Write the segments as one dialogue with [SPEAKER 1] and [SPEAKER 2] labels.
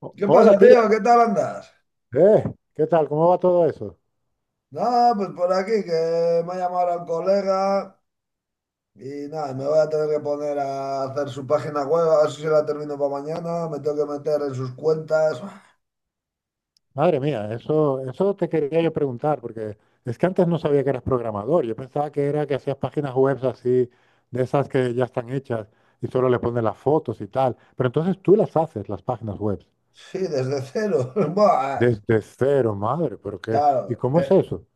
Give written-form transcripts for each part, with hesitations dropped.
[SPEAKER 1] ¿Qué
[SPEAKER 2] Hola,
[SPEAKER 1] pasa,
[SPEAKER 2] tío.
[SPEAKER 1] tío? ¿Qué tal andas?
[SPEAKER 2] Eh, ¿Qué tal? ¿Cómo va todo eso?
[SPEAKER 1] Nada, pues por aquí que me ha llamado ahora un colega y nada, me voy a tener que poner a hacer su página web, a ver si se la termino para mañana, me tengo que meter en sus cuentas.
[SPEAKER 2] Madre mía, eso te quería yo preguntar, porque es que antes no sabía que eras programador. Yo pensaba que era que hacías páginas web así, de esas que ya están hechas y solo le pones las fotos y tal. Pero entonces tú las haces, las páginas web,
[SPEAKER 1] Sí, desde cero. Buah,
[SPEAKER 2] desde cero, madre, ¿pero qué? ¿Y
[SPEAKER 1] claro,
[SPEAKER 2] cómo es
[SPEAKER 1] eh,
[SPEAKER 2] eso?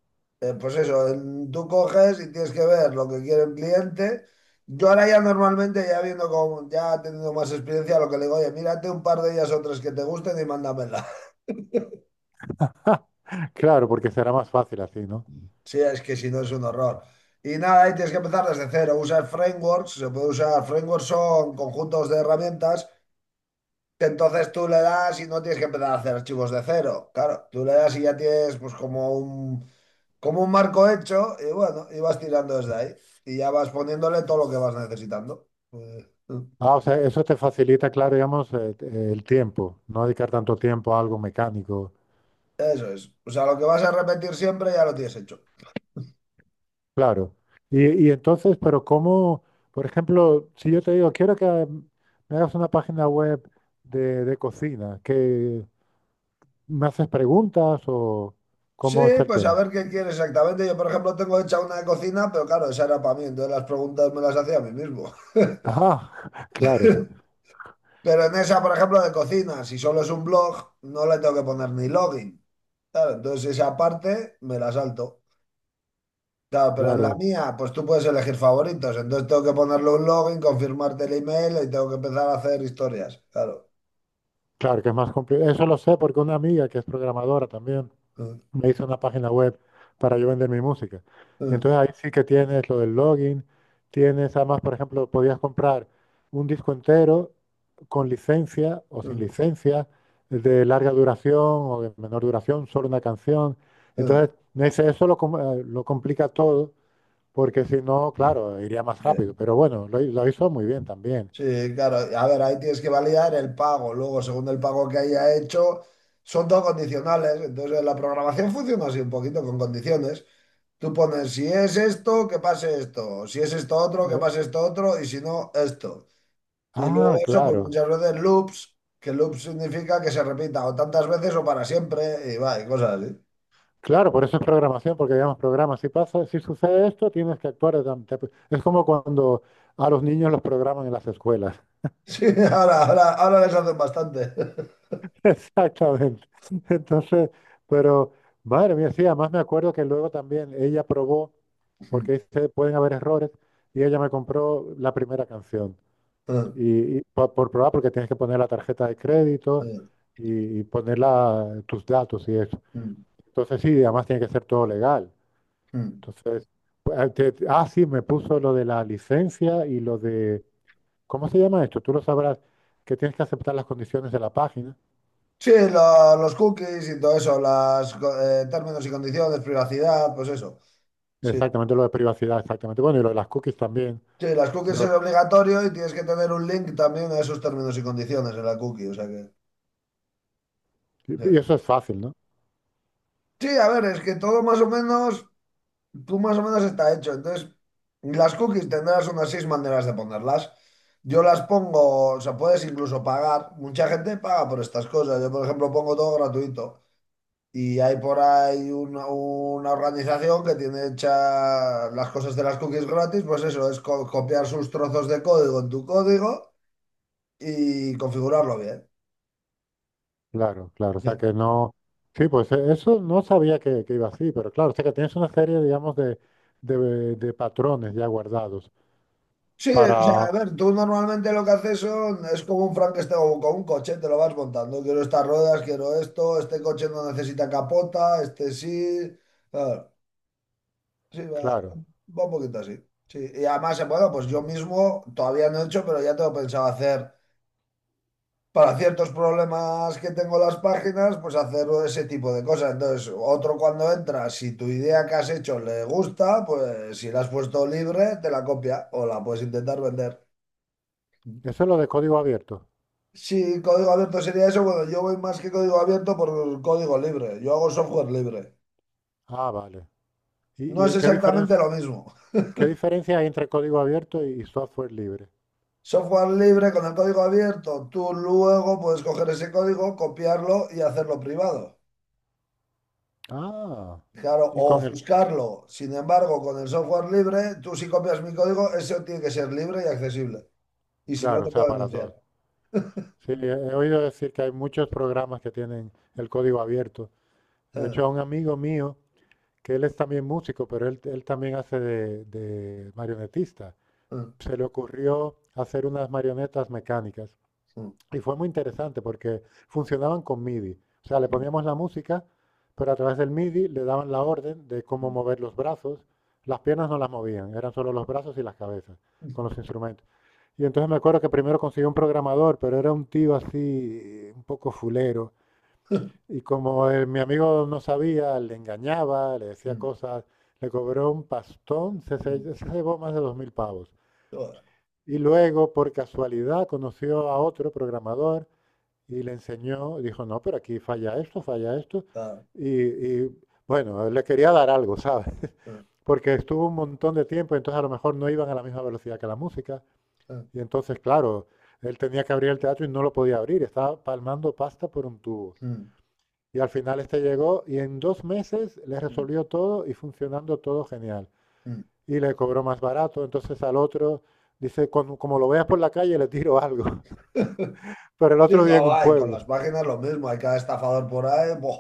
[SPEAKER 1] pues eso, en- tú coges y tienes que ver lo que quiere el cliente. Yo ahora ya normalmente, ya viendo como ya teniendo más experiencia, lo que le digo, oye, mírate un par de ellas o tres que te gusten y mándamela.
[SPEAKER 2] Claro, porque será más fácil así, ¿no?
[SPEAKER 1] Sí, es que si no es un horror. Y nada, ahí tienes que empezar desde cero. Usar frameworks, se puede usar, frameworks son conjuntos de herramientas que entonces tú le das y no tienes que empezar a hacer archivos de cero. Claro, tú le das y ya tienes pues como un marco hecho y bueno, y vas tirando desde ahí y ya vas poniéndole todo lo que vas necesitando. Eh,
[SPEAKER 2] Ah, o sea, eso te facilita, claro, digamos, el tiempo, no dedicar tanto tiempo a algo mecánico.
[SPEAKER 1] Eso es. O sea, lo que vas a repetir siempre ya lo tienes hecho.
[SPEAKER 2] Claro. Y entonces, pero cómo, por ejemplo, si yo te digo, quiero que me hagas una página web de cocina, que me haces preguntas o
[SPEAKER 1] Sí,
[SPEAKER 2] cómo es el
[SPEAKER 1] pues a
[SPEAKER 2] tema.
[SPEAKER 1] ver qué quieres exactamente. Yo, por ejemplo, tengo hecha una de cocina, pero claro, esa era para mí, entonces las preguntas me las hacía a mí mismo.
[SPEAKER 2] Ah, claro,
[SPEAKER 1] Pero en esa, por ejemplo, de cocina, si solo es un blog, no le tengo que poner ni login. Claro, entonces esa parte me la salto. Claro, pero en la
[SPEAKER 2] claro,
[SPEAKER 1] mía, pues tú puedes elegir favoritos. Entonces tengo que ponerle un login, confirmarte el email y tengo que empezar a hacer historias. Claro.
[SPEAKER 2] claro que es más complicado. Eso lo sé porque una amiga que es programadora también
[SPEAKER 1] Mm,
[SPEAKER 2] me hice una página web para yo vender mi música. Y
[SPEAKER 1] mm,
[SPEAKER 2] entonces ahí sí que tienes lo del login, tienes además, por ejemplo, podías comprar un disco entero con licencia o sin
[SPEAKER 1] mm,
[SPEAKER 2] licencia, de larga duración o de menor duración, solo una canción. Entonces, me dice, lo complica todo, porque si no,
[SPEAKER 1] mm.
[SPEAKER 2] claro, iría más rápido.
[SPEAKER 1] Sí,
[SPEAKER 2] Pero bueno, lo hizo muy bien también.
[SPEAKER 1] sí, claro. A ver, ahí tienes que validar el pago. Luego, según el pago que haya hecho, son todo condicionales. Entonces, la programación funciona así un poquito con condiciones. Tú pones, si es esto, que pase esto. Si es esto otro, que
[SPEAKER 2] Eh,
[SPEAKER 1] pase esto otro. Y si no, esto. Y luego
[SPEAKER 2] ah,
[SPEAKER 1] eso, pues
[SPEAKER 2] claro.
[SPEAKER 1] muchas veces loops, que loop significa que se repita o tantas veces o para siempre. Y va, y cosas así.
[SPEAKER 2] Claro, por eso es programación, porque digamos, programa, si pasa, si sucede esto, tienes que actuar. Es como cuando a los niños los programan en las escuelas.
[SPEAKER 1] Sí, ahora les hacen bastante.
[SPEAKER 2] Exactamente. Entonces, pero, madre mía, sí, además me acuerdo que luego también ella probó, porque dice, pueden haber errores, y ella me compró la primera canción. Probar, porque tienes que poner la tarjeta de crédito y tus datos y eso. Entonces, sí, además tiene que ser todo legal. Entonces, pues, sí, me puso lo de la licencia y lo de, ¿cómo se llama esto? Tú lo sabrás, que tienes que aceptar las condiciones de la página.
[SPEAKER 1] Sí, lo- los cookies y todo eso, las términos y condiciones, privacidad, pues eso. Sí.
[SPEAKER 2] Exactamente, lo de privacidad, exactamente. Bueno, y lo de las cookies también,
[SPEAKER 1] Sí, las cookies es
[SPEAKER 2] pero,
[SPEAKER 1] obligatorio y tienes que tener un link también a esos términos y condiciones en la cookie, o sea que. Sí.
[SPEAKER 2] y eso es fácil, ¿no?
[SPEAKER 1] Sí, a ver, es que todo más o menos, tú más o menos está hecho. Entonces, las cookies tendrás unas seis maneras de ponerlas. Yo las pongo, o sea, puedes incluso pagar. Mucha gente paga por estas cosas. Yo, por ejemplo, pongo todo gratuito. Y hay por ahí una organización que tiene hecha las cosas de las cookies gratis. Pues eso, es co- copiar sus trozos de código en tu código y configurarlo bien.
[SPEAKER 2] Claro, claro, o sea que no, sí, pues eso no sabía que iba así, pero claro, o sea que tienes una serie, digamos, de patrones ya guardados
[SPEAKER 1] Sí, o sea,
[SPEAKER 2] para,
[SPEAKER 1] a ver, tú normalmente lo que haces son, es como un Frankenstein o con un coche, te lo vas montando. Quiero estas ruedas, quiero esto, este coche no necesita capota, este sí. Claro, sí, va,
[SPEAKER 2] claro.
[SPEAKER 1] va un poquito así. Sí, y además, bueno, pues yo mismo todavía no he hecho, pero ya tengo pensado hacer, para ciertos problemas que tengo en las páginas, pues hacer ese tipo de cosas. Entonces, otro cuando entra, si tu idea que has hecho le gusta, pues si la has puesto libre, te la copia o la puedes intentar vender.
[SPEAKER 2] Eso es lo de código abierto.
[SPEAKER 1] Sí, código abierto sería eso. Bueno, yo voy más que código abierto por código libre. Yo hago software libre.
[SPEAKER 2] Ah, vale.
[SPEAKER 1] No
[SPEAKER 2] ¿Y
[SPEAKER 1] es exactamente lo mismo.
[SPEAKER 2] qué diferencia hay entre código abierto y software libre?
[SPEAKER 1] Software libre con el código abierto. Tú luego puedes coger ese código, copiarlo y hacerlo privado.
[SPEAKER 2] Ah,
[SPEAKER 1] Claro,
[SPEAKER 2] y
[SPEAKER 1] o
[SPEAKER 2] con el,
[SPEAKER 1] ofuscarlo. Sin embargo, con el software libre, tú si copias mi código, eso tiene que ser libre y accesible. Y si no,
[SPEAKER 2] claro, o
[SPEAKER 1] te
[SPEAKER 2] sea,
[SPEAKER 1] puedo
[SPEAKER 2] para
[SPEAKER 1] denunciar.
[SPEAKER 2] todos. Sí, he oído decir que hay muchos programas que tienen el código abierto. De hecho, a un amigo mío, que él es también músico, pero él también hace de marionetista, se le ocurrió hacer unas marionetas mecánicas. Y fue muy interesante porque funcionaban con MIDI. O sea, le poníamos la música, pero a través del MIDI le daban la orden de cómo mover los brazos. Las piernas no las movían, eran solo los brazos y las cabezas con los instrumentos. Y entonces me acuerdo que primero conseguí un programador, pero era un tío así, un poco fulero. Y como mi amigo no sabía, le engañaba, le decía cosas, le cobró un pastón, se llevó más de 2000 pavos.
[SPEAKER 1] Joder,
[SPEAKER 2] Y luego, por casualidad, conoció a otro programador y le enseñó, dijo, no, pero aquí falla esto, falla esto.
[SPEAKER 1] ah,
[SPEAKER 2] Y, y, bueno, le quería dar algo, ¿sabes?
[SPEAKER 1] ah,
[SPEAKER 2] Porque estuvo un montón de tiempo, entonces a lo mejor no iban a la misma velocidad que la música.
[SPEAKER 1] ah,
[SPEAKER 2] Y entonces, claro, él tenía que abrir el teatro y no lo podía abrir, estaba palmando pasta por un tubo.
[SPEAKER 1] mm,
[SPEAKER 2] Y al final este llegó y en 2 meses le
[SPEAKER 1] mm,
[SPEAKER 2] resolvió todo y funcionando todo genial.
[SPEAKER 1] mm.
[SPEAKER 2] Y le cobró más barato, entonces al otro dice, como lo veas por la calle le tiro algo, pero el
[SPEAKER 1] Sí,
[SPEAKER 2] otro día
[SPEAKER 1] no,
[SPEAKER 2] en un
[SPEAKER 1] va, y con
[SPEAKER 2] pueblo.
[SPEAKER 1] las páginas lo mismo, hay cada estafador por ahí. Buah.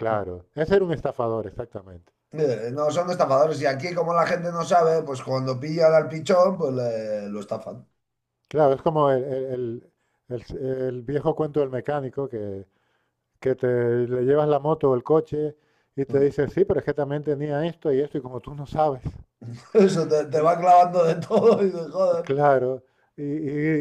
[SPEAKER 2] Claro, ese era un estafador, exactamente.
[SPEAKER 1] No son estafadores y aquí como la gente no sabe, pues cuando pillan al pichón, pues le- lo estafan.
[SPEAKER 2] Claro, es como el viejo cuento del mecánico que te le llevas la moto o el coche y te
[SPEAKER 1] Mm.
[SPEAKER 2] dice, sí, pero es que también tenía esto y esto, y como tú no sabes,
[SPEAKER 1] Eso te, te
[SPEAKER 2] el-
[SPEAKER 1] va clavando de todo y de joder.
[SPEAKER 2] claro, y, y-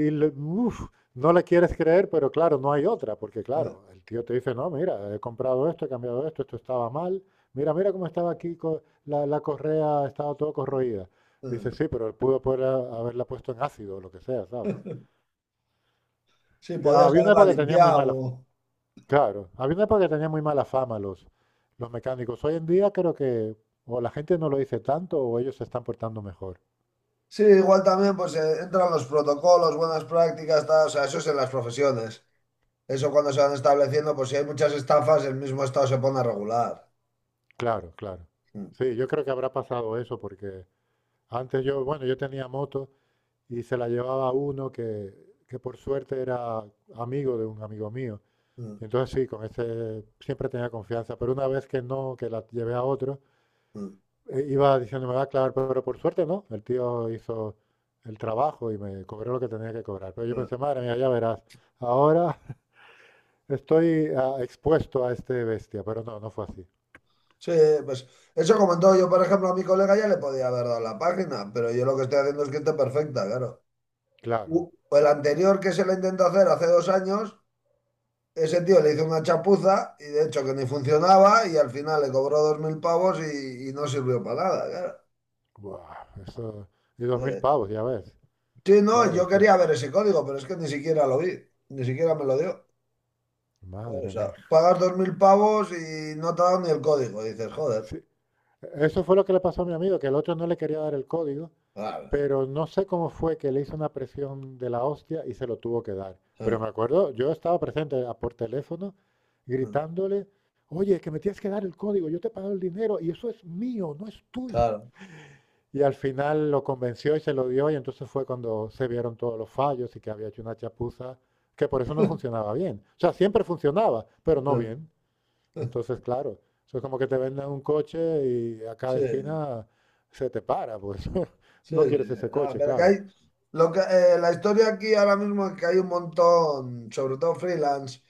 [SPEAKER 2] y le- uf, no le quieres creer, pero claro, no hay otra, porque
[SPEAKER 1] Eh,
[SPEAKER 2] claro, el tío te dice, no, mira, he comprado esto, he cambiado esto, esto estaba mal, mira, mira cómo estaba aquí, la correa estaba todo corroída. Dice,
[SPEAKER 1] eh,
[SPEAKER 2] sí, pero él pudo poder haberla puesto en ácido o lo que sea, ¿sabes?
[SPEAKER 1] Sí,
[SPEAKER 2] Sí,
[SPEAKER 1] podías
[SPEAKER 2] había una
[SPEAKER 1] haberla
[SPEAKER 2] época que tenía muy mala.
[SPEAKER 1] limpiado.
[SPEAKER 2] Claro, había una época que tenía muy mala fama los mecánicos. Hoy en día creo que o la gente no lo dice tanto o ellos se están portando mejor.
[SPEAKER 1] Sí, igual también pues entran los protocolos, buenas prácticas, tal, o sea, eso es en las profesiones. Eso cuando se van estableciendo, pues si hay muchas estafas, el mismo Estado se pone a regular.
[SPEAKER 2] Claro, claro.
[SPEAKER 1] Mm,
[SPEAKER 2] Sí, yo creo que habrá pasado eso porque antes yo, bueno, yo tenía moto y se la llevaba uno que por suerte era amigo de un amigo mío.
[SPEAKER 1] mm,
[SPEAKER 2] Y entonces sí, con ese siempre tenía confianza, pero una vez que no, que la llevé a otro,
[SPEAKER 1] mm,
[SPEAKER 2] iba diciendo, me va a clavar, pero por suerte no. El tío hizo el trabajo y me cobró lo que tenía que cobrar. Pero yo
[SPEAKER 1] mm.
[SPEAKER 2] pensé, madre mía, ya verás, ahora estoy ah, expuesto a este bestia, pero no, no fue así.
[SPEAKER 1] Sí, pues eso como en todo, yo por ejemplo a mi colega ya le podía haber dado la página, pero yo lo que estoy haciendo es que esté perfecta, claro.
[SPEAKER 2] Claro.
[SPEAKER 1] U- El anterior que se lo intentó hacer hace 2 años, ese tío le hizo una chapuza y de hecho que ni funcionaba y al final le cobró 2000 pavos y no sirvió para nada,
[SPEAKER 2] Buah, eso, y dos
[SPEAKER 1] claro.
[SPEAKER 2] mil pavos, ya ves.
[SPEAKER 1] Sí, no,
[SPEAKER 2] Claro,
[SPEAKER 1] yo
[SPEAKER 2] es que,
[SPEAKER 1] quería ver ese código, pero es que ni siquiera lo vi, ni siquiera me lo dio. O
[SPEAKER 2] madre
[SPEAKER 1] sea,
[SPEAKER 2] mía.
[SPEAKER 1] pagas 2000 pavos y no te dan ni el código, dices, joder.
[SPEAKER 2] Sí, eso fue lo que le pasó a mi amigo, que el otro no le quería dar el código.
[SPEAKER 1] Claro,
[SPEAKER 2] Pero no sé cómo fue que le hizo una presión de la hostia y se lo tuvo que dar.
[SPEAKER 1] sí,
[SPEAKER 2] Pero me acuerdo, yo estaba presente por teléfono
[SPEAKER 1] sí,
[SPEAKER 2] gritándole, oye, que me tienes que dar el código, yo te he pagado el dinero y eso es mío, no es tuyo.
[SPEAKER 1] claro.
[SPEAKER 2] Y al final lo convenció y se lo dio y entonces fue cuando se vieron todos los fallos y que había hecho una chapuza, que por eso no funcionaba bien. O sea, siempre funcionaba, pero no
[SPEAKER 1] eh,
[SPEAKER 2] bien. Entonces, claro, eso es como que te venden un coche y a cada
[SPEAKER 1] sí.
[SPEAKER 2] esquina se te para, pues
[SPEAKER 1] Sí,
[SPEAKER 2] no
[SPEAKER 1] sí,
[SPEAKER 2] quieres
[SPEAKER 1] sí.
[SPEAKER 2] ese
[SPEAKER 1] Ah,
[SPEAKER 2] coche,
[SPEAKER 1] pero que
[SPEAKER 2] claro.
[SPEAKER 1] hay. Lo que, la historia aquí ahora mismo es que hay un montón, sobre todo freelance,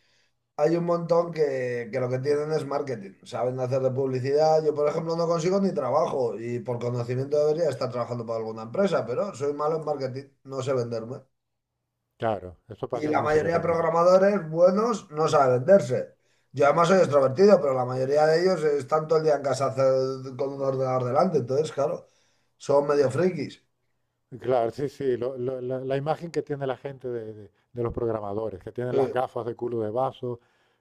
[SPEAKER 1] hay un montón que lo que tienen es marketing. Saben hacer de publicidad. Yo, por ejemplo, no consigo ni trabajo y por conocimiento debería estar trabajando para alguna empresa, pero soy malo en marketing, no sé venderme.
[SPEAKER 2] Claro, eso
[SPEAKER 1] Y
[SPEAKER 2] pasa en
[SPEAKER 1] la
[SPEAKER 2] música
[SPEAKER 1] mayoría de
[SPEAKER 2] también.
[SPEAKER 1] programadores buenos no saben venderse. Yo además soy extrovertido, pero la mayoría de ellos están todo el día en casa hacer- con un ordenador delante, entonces, claro, son medio frikis.
[SPEAKER 2] Claro, sí, sí, la imagen que tiene la gente de los programadores, que tienen las gafas de culo de vaso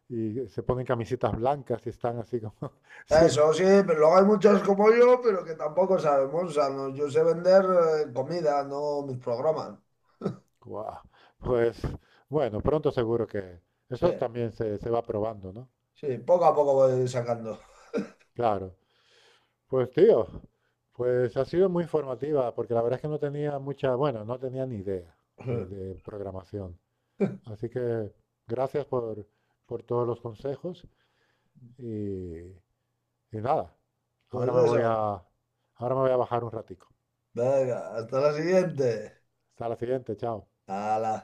[SPEAKER 2] y se ponen camisetas blancas y están así como, sí,
[SPEAKER 1] Eso sí, pero luego hay muchos como yo, pero que tampoco sabemos. O sea, no- yo sé vender comida, no mis programas.
[SPEAKER 2] guau. Pues bueno, pronto seguro que
[SPEAKER 1] Sí,
[SPEAKER 2] eso también se va probando, ¿no?
[SPEAKER 1] sí, poco a poco voy sacando.
[SPEAKER 2] Claro. Pues tío, pues ha sido muy informativa, porque la verdad es que no tenía mucha, bueno, no tenía ni idea de programación. Así que gracias por todos los consejos. Y, y nada,
[SPEAKER 1] Pues
[SPEAKER 2] ahora me voy
[SPEAKER 1] eso.
[SPEAKER 2] a, ahora me voy a bajar un ratico.
[SPEAKER 1] Venga, hasta la siguiente.
[SPEAKER 2] Hasta la siguiente, chao.
[SPEAKER 1] Hala.